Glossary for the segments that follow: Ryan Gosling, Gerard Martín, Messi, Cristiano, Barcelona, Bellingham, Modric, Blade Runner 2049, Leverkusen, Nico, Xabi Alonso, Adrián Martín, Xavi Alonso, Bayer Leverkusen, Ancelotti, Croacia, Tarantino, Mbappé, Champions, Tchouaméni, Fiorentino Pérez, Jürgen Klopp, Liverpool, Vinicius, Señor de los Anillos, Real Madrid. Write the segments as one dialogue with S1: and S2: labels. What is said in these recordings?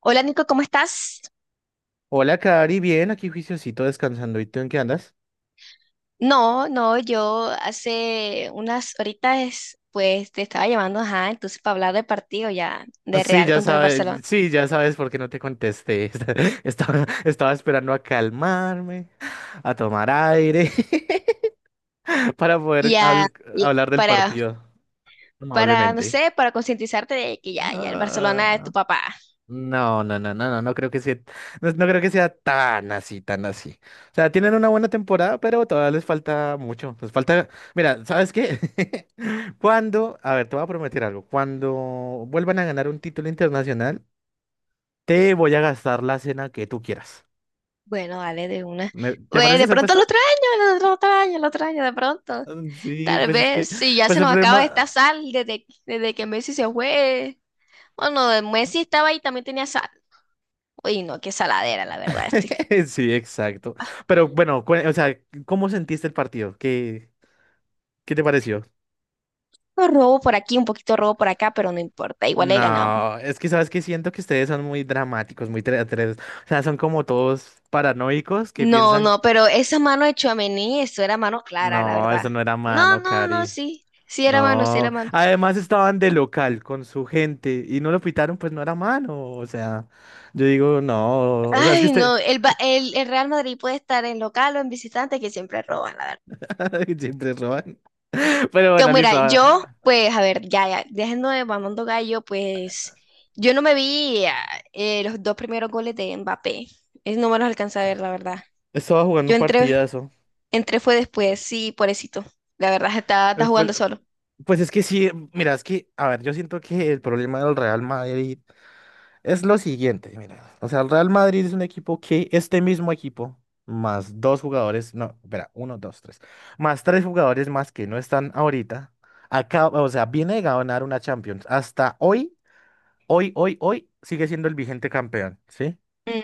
S1: Hola Nico, ¿cómo estás?
S2: Hola, Cari, bien, aquí juiciosito descansando. ¿Y tú en qué andas?
S1: No, no, yo hace unas horitas pues te estaba llamando, ajá, entonces para hablar del partido ya de Real contra el Barcelona.
S2: Sí, ya sabes por qué no te contesté. Estaba esperando a calmarme, a tomar aire, para poder
S1: Ya,
S2: habl-
S1: ya,
S2: hablar del
S1: para,
S2: partido
S1: para, no
S2: amablemente.
S1: sé, para concientizarte de que ya, ya el Barcelona es tu
S2: Ah,
S1: papá.
S2: no, no, no, no, no, no, no creo que sea tan así, tan así. O sea, tienen una buena temporada, pero todavía les falta mucho. Les falta, mira, ¿sabes qué? A ver, te voy a prometer algo. Cuando vuelvan a ganar un título internacional, te voy a gastar la cena que tú quieras.
S1: Bueno, dale, de una.
S2: ¿Te parece
S1: De
S2: esa
S1: pronto el
S2: apuesta?
S1: otro año, el otro año, el otro año, de pronto.
S2: Sí,
S1: Tal vez, si ya
S2: pues
S1: se
S2: el
S1: nos acaba esta
S2: problema.
S1: sal desde que Messi se fue. Bueno, Messi estaba ahí, también tenía sal. Uy, no, qué saladera, la verdad.
S2: Sí, exacto. Pero bueno, o sea, ¿cómo sentiste el partido? ¿Qué te pareció?
S1: Pues, robo por aquí, un poquito robo por acá, pero no importa, igual le ganamos.
S2: No, es que sabes que siento que ustedes son muy dramáticos, o sea, son como todos paranoicos que
S1: No,
S2: piensan,
S1: no, pero esa mano de Tchouaméni, eso era mano clara, la
S2: no,
S1: verdad.
S2: eso no era
S1: No,
S2: mano,
S1: no, no,
S2: Cari.
S1: sí, sí era mano, sí era
S2: No.
S1: mano.
S2: Además estaban de local con su gente y no lo pitaron, pues no era mano. O sea, yo digo, no. O sea, es que
S1: Ay,
S2: usted
S1: no, el Real Madrid puede estar en local o en visitante, que siempre roban, la verdad.
S2: siempre roban. Pero
S1: Que
S2: bueno,
S1: mira,
S2: listo.
S1: yo, pues, a ver, ya, ya, dejando de mamando gallo, pues, yo no me vi los dos primeros goles de Mbappé. Es, no me los alcanza a ver, la verdad.
S2: Estaba jugando
S1: Yo
S2: un
S1: entré,
S2: partidazo.
S1: entré fue después, sí, pobrecito. La verdad, está, está
S2: Eh, Pues,
S1: jugando solo.
S2: pues es que sí, mira, a ver, yo siento que el problema del Real Madrid. Es lo siguiente, mira. O sea, el Real Madrid es un equipo que este mismo equipo, más dos jugadores, no, espera, uno, dos, tres, más tres jugadores más que no están ahorita, acaba, o sea, viene de ganar una Champions. Hasta hoy, hoy, hoy, hoy, sigue siendo el vigente campeón, ¿sí?
S1: Mm.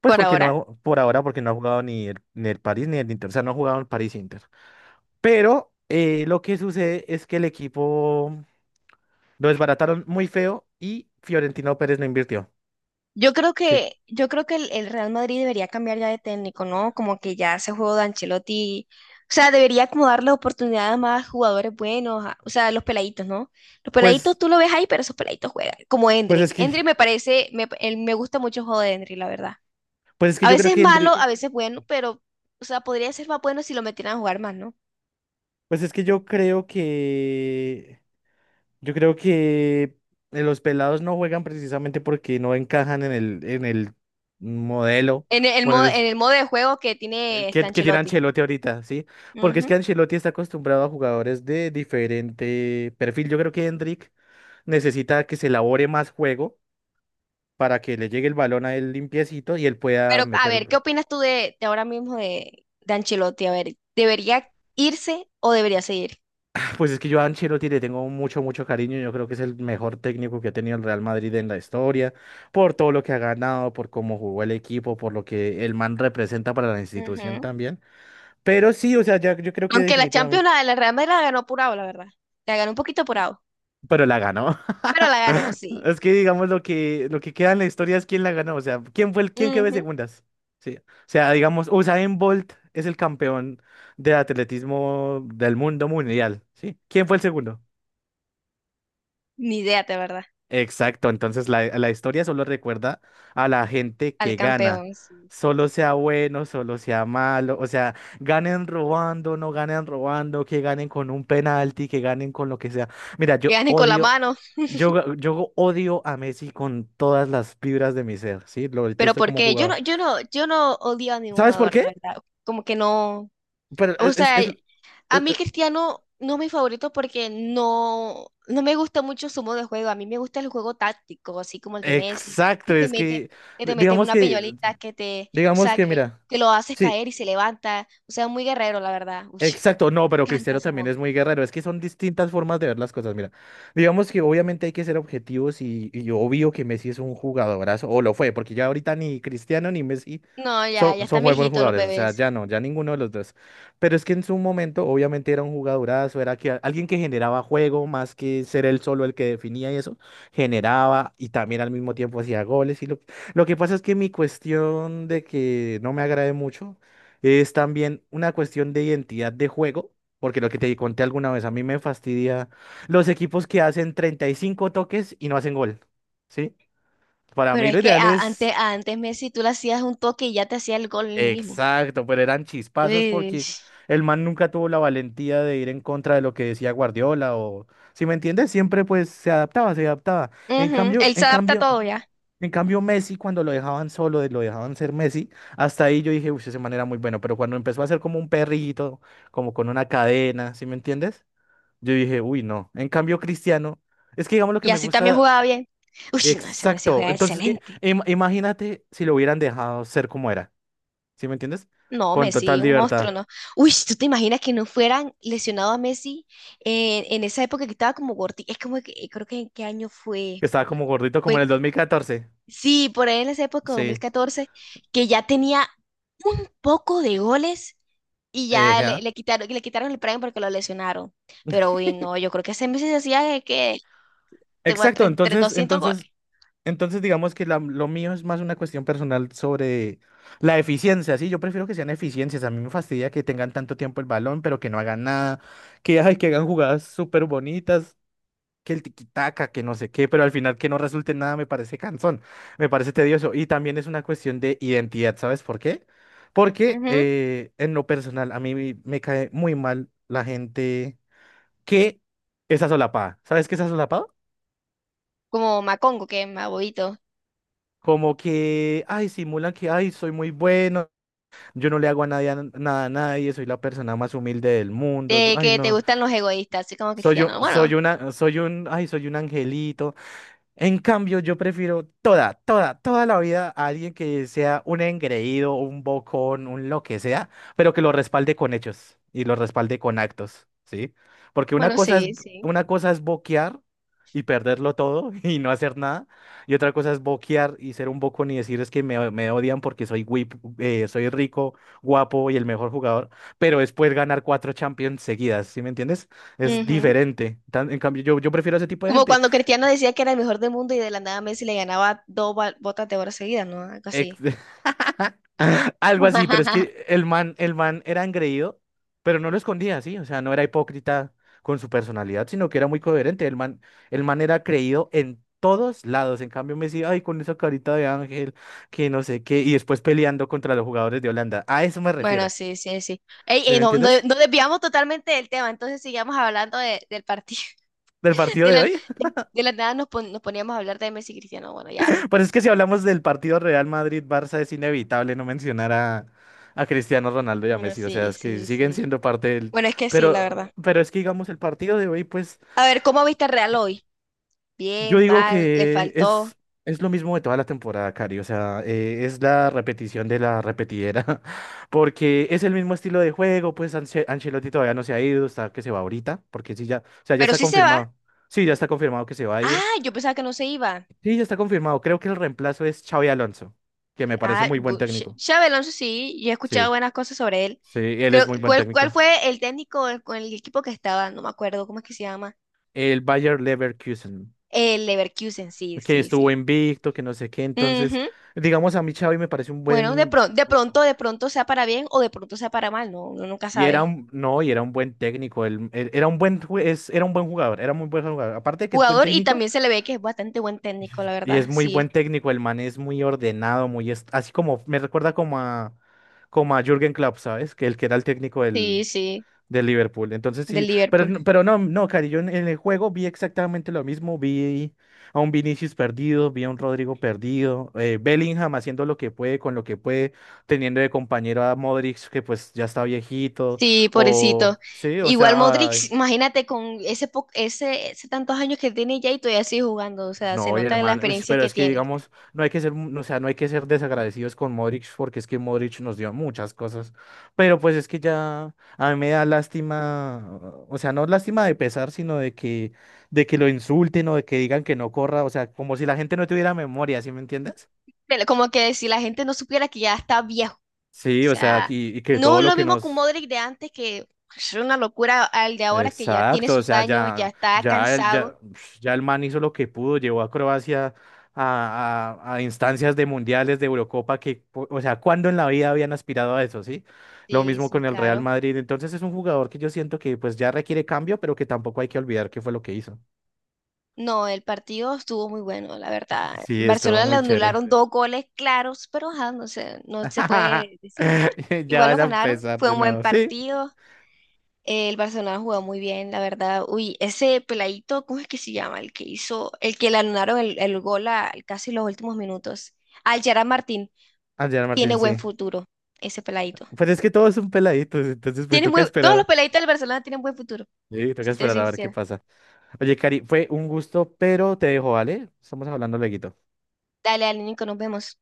S2: Pues
S1: Por
S2: porque
S1: ahora.
S2: no, por ahora, porque no ha jugado ni el París ni el Inter, o sea, no ha jugado el París Inter. Pero lo que sucede es que el equipo lo desbarataron muy feo y Fiorentino Pérez no invirtió, ¿sí?
S1: Yo creo que el Real Madrid debería cambiar ya de técnico, ¿no? Como que ya ese juego de Ancelotti, o sea, debería como darle oportunidad a más jugadores buenos, o sea, los peladitos, ¿no? Los peladitos
S2: Pues,
S1: tú lo ves ahí, pero esos peladitos juegan, como
S2: pues
S1: Endrick.
S2: es que.
S1: Endrick me parece, me, él- me gusta mucho el juego de Endrick, la verdad.
S2: Pues es que
S1: A
S2: yo creo
S1: veces es malo, a veces bueno, pero, o sea, podría ser más bueno si lo metieran a jugar más, ¿no?
S2: pues es que yo creo que, yo creo que los pelados no juegan precisamente porque no encajan en el modelo,
S1: El
S2: bueno,
S1: modo, en
S2: les,
S1: el modo de juego que tiene este
S2: que tiene
S1: Ancelotti.
S2: Ancelotti ahorita, ¿sí? Porque es
S1: Ujú.
S2: que Ancelotti está acostumbrado a jugadores de diferente perfil. Yo creo que Hendrik necesita que se elabore más juego para que le llegue el balón a él limpiecito y él pueda
S1: Pero a
S2: meter.
S1: ver, ¿qué opinas tú de ahora mismo de Ancelotti? A ver, ¿debería irse o debería seguir?
S2: Pues es que yo a Ancelotti le tengo mucho, mucho cariño. Yo creo que es el mejor técnico que ha tenido el Real Madrid en la historia, por todo lo que ha ganado, por cómo jugó el equipo, por lo que el man representa para la institución
S1: Ujú.
S2: también. Pero sí, o sea, ya yo creo que
S1: Aunque la Champions,
S2: definitivamente.
S1: la de la Real Madrid la ganó apurado, la verdad. La ganó un poquito apurado,
S2: Pero la ganó.
S1: pero la ganó, sí.
S2: Es que digamos lo que queda en la historia es quién la ganó. O sea, quién fue el quién quedó de
S1: Ujú.
S2: segundas. Sí. O sea, digamos, Usain Bolt es el campeón de atletismo del mundo mundial. ¿Sí? ¿Quién fue el segundo?
S1: Ni idea, de verdad.
S2: Exacto, entonces la historia solo recuerda a la gente
S1: Al
S2: que gana,
S1: campeón, sí, sí,
S2: solo
S1: sí.
S2: sea bueno, solo sea malo, o sea, ganen robando, no ganen robando, que ganen con un penalti, que ganen con lo que sea. Mira,
S1: Que gane con la mano.
S2: yo odio a Messi con todas las fibras de mi ser, ¿sí? Lo
S1: Pero
S2: detesto
S1: ¿por
S2: como
S1: qué?
S2: jugador.
S1: Yo no odio a ningún
S2: ¿Sabes por
S1: jugador,
S2: qué?
S1: la verdad. Como que no.
S2: Pero
S1: O
S2: es, es-
S1: sea,
S2: es-
S1: a
S2: es-
S1: mí
S2: es-
S1: Cristiano no es mi favorito porque no, no me gusta mucho su modo de juego. A mí me gusta el juego táctico, así como el de Messi, que
S2: exacto,
S1: te mete, que te mete
S2: digamos
S1: una
S2: que,
S1: piñolita, que te, o
S2: digamos
S1: sea,
S2: que, mira.
S1: que lo haces
S2: Sí,
S1: caer y se levanta. O sea, muy guerrero, la verdad. Uy,
S2: exacto, no,
S1: me
S2: pero
S1: encanta
S2: Cristiano
S1: ese
S2: también
S1: modo.
S2: es muy guerrero. Es que son distintas formas de ver las cosas. Mira, digamos que obviamente hay que ser objetivos y obvio que Messi es un jugadorazo, o lo fue, porque ya ahorita ni Cristiano ni Messi
S1: No, ya, ya
S2: son
S1: están
S2: muy buenos
S1: viejitos los
S2: jugadores. O sea,
S1: bebés.
S2: ya no, ya ninguno de los dos. Pero es que en su momento, obviamente era un jugadorazo, era que, alguien que generaba juego más que ser él solo el que definía y eso, generaba y también al mismo tiempo hacía goles. Lo que pasa es que mi cuestión de que no me agrade mucho. Es también una cuestión de identidad de juego, porque lo que te conté alguna vez, a mí me fastidia los equipos que hacen 35 toques y no hacen gol, ¿sí? Para
S1: Pero
S2: mí
S1: es
S2: lo
S1: que
S2: ideal
S1: antes,
S2: es
S1: antes Messi tú le hacías un toque y ya te hacía el gol él mismo.
S2: exacto, pero eran chispazos
S1: Uy.
S2: porque el man nunca tuvo la valentía de ir en contra de lo que decía Guardiola o, si me entiendes, siempre pues se adaptaba, se adaptaba.
S1: Ujú. Él se adapta a todo ya.
S2: En cambio Messi cuando lo dejaban solo, lo dejaban ser Messi, hasta ahí yo dije, uy, ese man era muy bueno, pero cuando empezó a ser como un perrito, como con una cadena, ¿sí me entiendes? Yo dije, uy, no. En cambio Cristiano, es que digamos lo que
S1: Y
S2: me
S1: así también
S2: gusta,
S1: jugaba bien. Uy, no, ese Messi
S2: exacto.
S1: juega
S2: Entonces,
S1: excelente.
S2: imagínate si lo hubieran dejado ser como era. ¿Sí me entiendes?
S1: No,
S2: Con
S1: Messi,
S2: total
S1: un monstruo,
S2: libertad.
S1: ¿no? Uy, ¿tú te imaginas que no fueran lesionado a Messi en esa época que estaba como gordi? Es como que, creo que en qué año fue.
S2: Que estaba como gordito
S1: Fue,
S2: como en
S1: Uy,
S2: el 2014.
S1: sí, por ahí en esa época, dos mil
S2: Sí.
S1: catorce que ya tenía un poco de goles y ya
S2: Ya.
S1: le quitaron el premio porque lo lesionaron. Pero, uy, no, yo creo que ese Messi se hacía que
S2: Exacto,
S1: 200 goles.
S2: entonces digamos que lo mío es más una cuestión personal sobre la eficiencia, ¿sí? Yo prefiero que sean eficiencias, a mí me fastidia que tengan tanto tiempo el balón, pero que no hagan nada, que, ay, que hagan jugadas súper bonitas, que el tiquitaca, que no sé qué, pero al final que no resulte en nada me parece cansón, me parece tedioso. Y también es una cuestión de identidad, ¿sabes por qué? Porque
S1: Ujú.
S2: en lo personal a mí me cae muy mal la gente que es asolapada. ¿Sabes qué es asolapado?
S1: Como Macongo, que es más bobito.
S2: Como que, ay, simulan que, ay, soy muy bueno, yo no le hago a nadie, a nada a nadie, soy la persona más humilde del mundo,
S1: De
S2: ay,
S1: que te
S2: no,
S1: gustan los egoístas, así como Cristiano. Bueno,
S2: soy un, ay, soy un angelito. En cambio, yo prefiero toda, toda, toda la vida a alguien que sea un engreído, un bocón, un lo que sea, pero que lo respalde con hechos y lo respalde con actos, ¿sí? Porque
S1: bueno, sí, sí.
S2: una cosa es boquear y perderlo todo y no hacer nada, y otra cosa es boquear y ser un bocón y decir es que me odian porque soy, soy rico, guapo y el mejor jugador, pero después ganar cuatro Champions seguidas, ¿sí me entiendes? Es
S1: Ujú.
S2: diferente. En cambio, yo prefiero ese tipo de
S1: Como
S2: gente.
S1: cuando Cristiano decía que era el mejor del mundo y de la nada Messi le ganaba botas de oro seguidas, ¿no? Algo
S2: Ex-
S1: así.
S2: Algo así, pero es que el man era engreído, pero no lo escondía, ¿sí? O sea, no era hipócrita con su personalidad, sino que era muy coherente. El man era creído en todos lados. En cambio, Messi ay, con esa carita de ángel, que no sé qué, y después peleando contra los jugadores de Holanda. A eso me
S1: Bueno,
S2: refiero.
S1: sí, sí, sí. Ey,
S2: ¿Sí
S1: ey,
S2: me
S1: no, no,
S2: entiendes?
S1: no desviamos totalmente del tema, entonces sigamos hablando del partido.
S2: Del partido
S1: De
S2: de
S1: la, de,
S2: hoy.
S1: de la nada nos poníamos a hablar de Messi y Cristiano. Bueno, ya.
S2: Pero es que si hablamos del partido Real Madrid-Barça, es inevitable no mencionar a Cristiano Ronaldo y a
S1: Bueno,
S2: Messi. O sea,
S1: sí,
S2: es que
S1: sí,
S2: siguen
S1: sí.
S2: siendo parte del.
S1: Bueno, es que sí, la verdad.
S2: Pero es que, digamos, el partido de hoy, pues.
S1: A ver, ¿cómo viste al Real hoy?
S2: Yo
S1: Bien,
S2: digo
S1: mal, le
S2: que
S1: faltó.
S2: es lo mismo de toda la temporada, Cari. O sea, es la repetición de la repetidera. Porque es el mismo estilo de juego. Pues Ancelotti todavía no se ha ido. Está que se va ahorita. Porque sí, ya. O sea, ya
S1: Pero
S2: está
S1: sí se va.
S2: confirmado. Sí, ya está confirmado que se va a ir.
S1: Ah, yo pensaba que no se iba.
S2: Sí, ya está confirmado. Creo que el reemplazo es Xavi Alonso. Que me parece
S1: Ah,
S2: muy buen técnico.
S1: Xabi Alonso sí, yo he escuchado
S2: Sí,
S1: buenas cosas sobre él.
S2: sí, él
S1: Creo,
S2: es muy
S1: sí.
S2: buen
S1: Cuál
S2: técnico.
S1: fue el técnico con el equipo que estaba? No me acuerdo cómo es que se llama.
S2: El Bayer Leverkusen.
S1: El Leverkusen, sí,
S2: Que
S1: sí, sí.
S2: estuvo invicto, que no sé qué.
S1: Sí.
S2: Entonces,
S1: Ujú.
S2: digamos, a mí Xavi me parece un
S1: Bueno, de
S2: buen.
S1: pronto, de pronto, de pronto sea para bien o de pronto sea para mal, no, uno nunca
S2: Y era
S1: sabe.
S2: un, no, y era un buen técnico, era un buen jugador, era muy buen jugador. Aparte de que es buen
S1: Jugador y
S2: técnico,
S1: también se le ve que es bastante buen técnico, la
S2: y
S1: verdad.
S2: es muy buen
S1: Sí,
S2: técnico, el man es muy ordenado, muy, así como, me recuerda como a Jürgen Klopp, ¿sabes? Que el que era el técnico
S1: sí, sí,
S2: de Liverpool. Entonces
S1: del
S2: sí,
S1: Liverpool.
S2: pero no, no, Cari, yo en el juego vi exactamente lo mismo, vi a un Vinicius perdido, vi a un Rodrigo perdido, Bellingham haciendo lo que puede con lo que puede, teniendo de compañero a Modric que pues ya está viejito,
S1: Sí, pobrecito.
S2: o
S1: Igual
S2: sea,
S1: Modric,
S2: ay,
S1: imagínate con ese tantos años que tiene ya y todavía sigue jugando. O sea, se
S2: no, y el
S1: nota la
S2: man, uy, sí,
S1: experiencia
S2: pero
S1: que
S2: es que
S1: tiene.
S2: digamos, no hay que ser, mu- no, o sea, no hay que ser desagradecidos con Modric porque es que Modric nos dio muchas cosas, pero pues es que ya a mí me da lástima, o sea, no lástima de pesar, sino de que lo insulten o de que digan que no corra, o sea, como si la gente no tuviera memoria, ¿sí me entiendes?
S1: Pero como que si la gente no supiera que ya está viejo. O
S2: Sí, o sea,
S1: sea,
S2: aquí y que
S1: no
S2: todo
S1: es
S2: lo
S1: lo
S2: que
S1: mismo con
S2: nos
S1: Modric de antes, que es una locura al de ahora que ya tiene
S2: exacto, o
S1: sus
S2: sea,
S1: años, ya está cansado.
S2: ya el man hizo lo que pudo, llevó a Croacia a instancias de mundiales, de Eurocopa, o sea, ¿cuándo en la vida habían aspirado a eso, sí? Lo
S1: Sí,
S2: mismo
S1: sí,
S2: con el Real
S1: claro.
S2: Madrid, entonces es un jugador que yo siento que pues ya requiere cambio, pero que tampoco hay que olvidar qué fue lo que hizo.
S1: No, el partido estuvo muy bueno, la verdad.
S2: Sí, estuvo
S1: Barcelona le
S2: muy chévere.
S1: anularon dos goles claros, pero ajá, no se puede decir nada.
S2: Ya
S1: Igual lo
S2: vas a
S1: ganaron,
S2: empezar
S1: fue
S2: de
S1: un buen
S2: nuevo, ¿sí?
S1: partido. El Barcelona jugó muy bien, la verdad. Uy, ese peladito, ¿cómo es que se llama? El que hizo, el que le anularon el gol a, casi los últimos minutos. Al Gerard Martín
S2: Adrián
S1: tiene
S2: Martín,
S1: buen
S2: sí.
S1: futuro, ese peladito.
S2: Pues es que todo es un peladito, entonces pues
S1: Tiene
S2: toca
S1: muy, todos los
S2: esperar,
S1: peladitos del Barcelona tienen buen futuro,
S2: sí, toca
S1: si estoy
S2: esperar a ver qué
S1: sincera.
S2: pasa. Oye, Cari, fue un gusto, pero te dejo, ¿vale? Estamos hablando luego.
S1: Dale, Nico, nos vemos.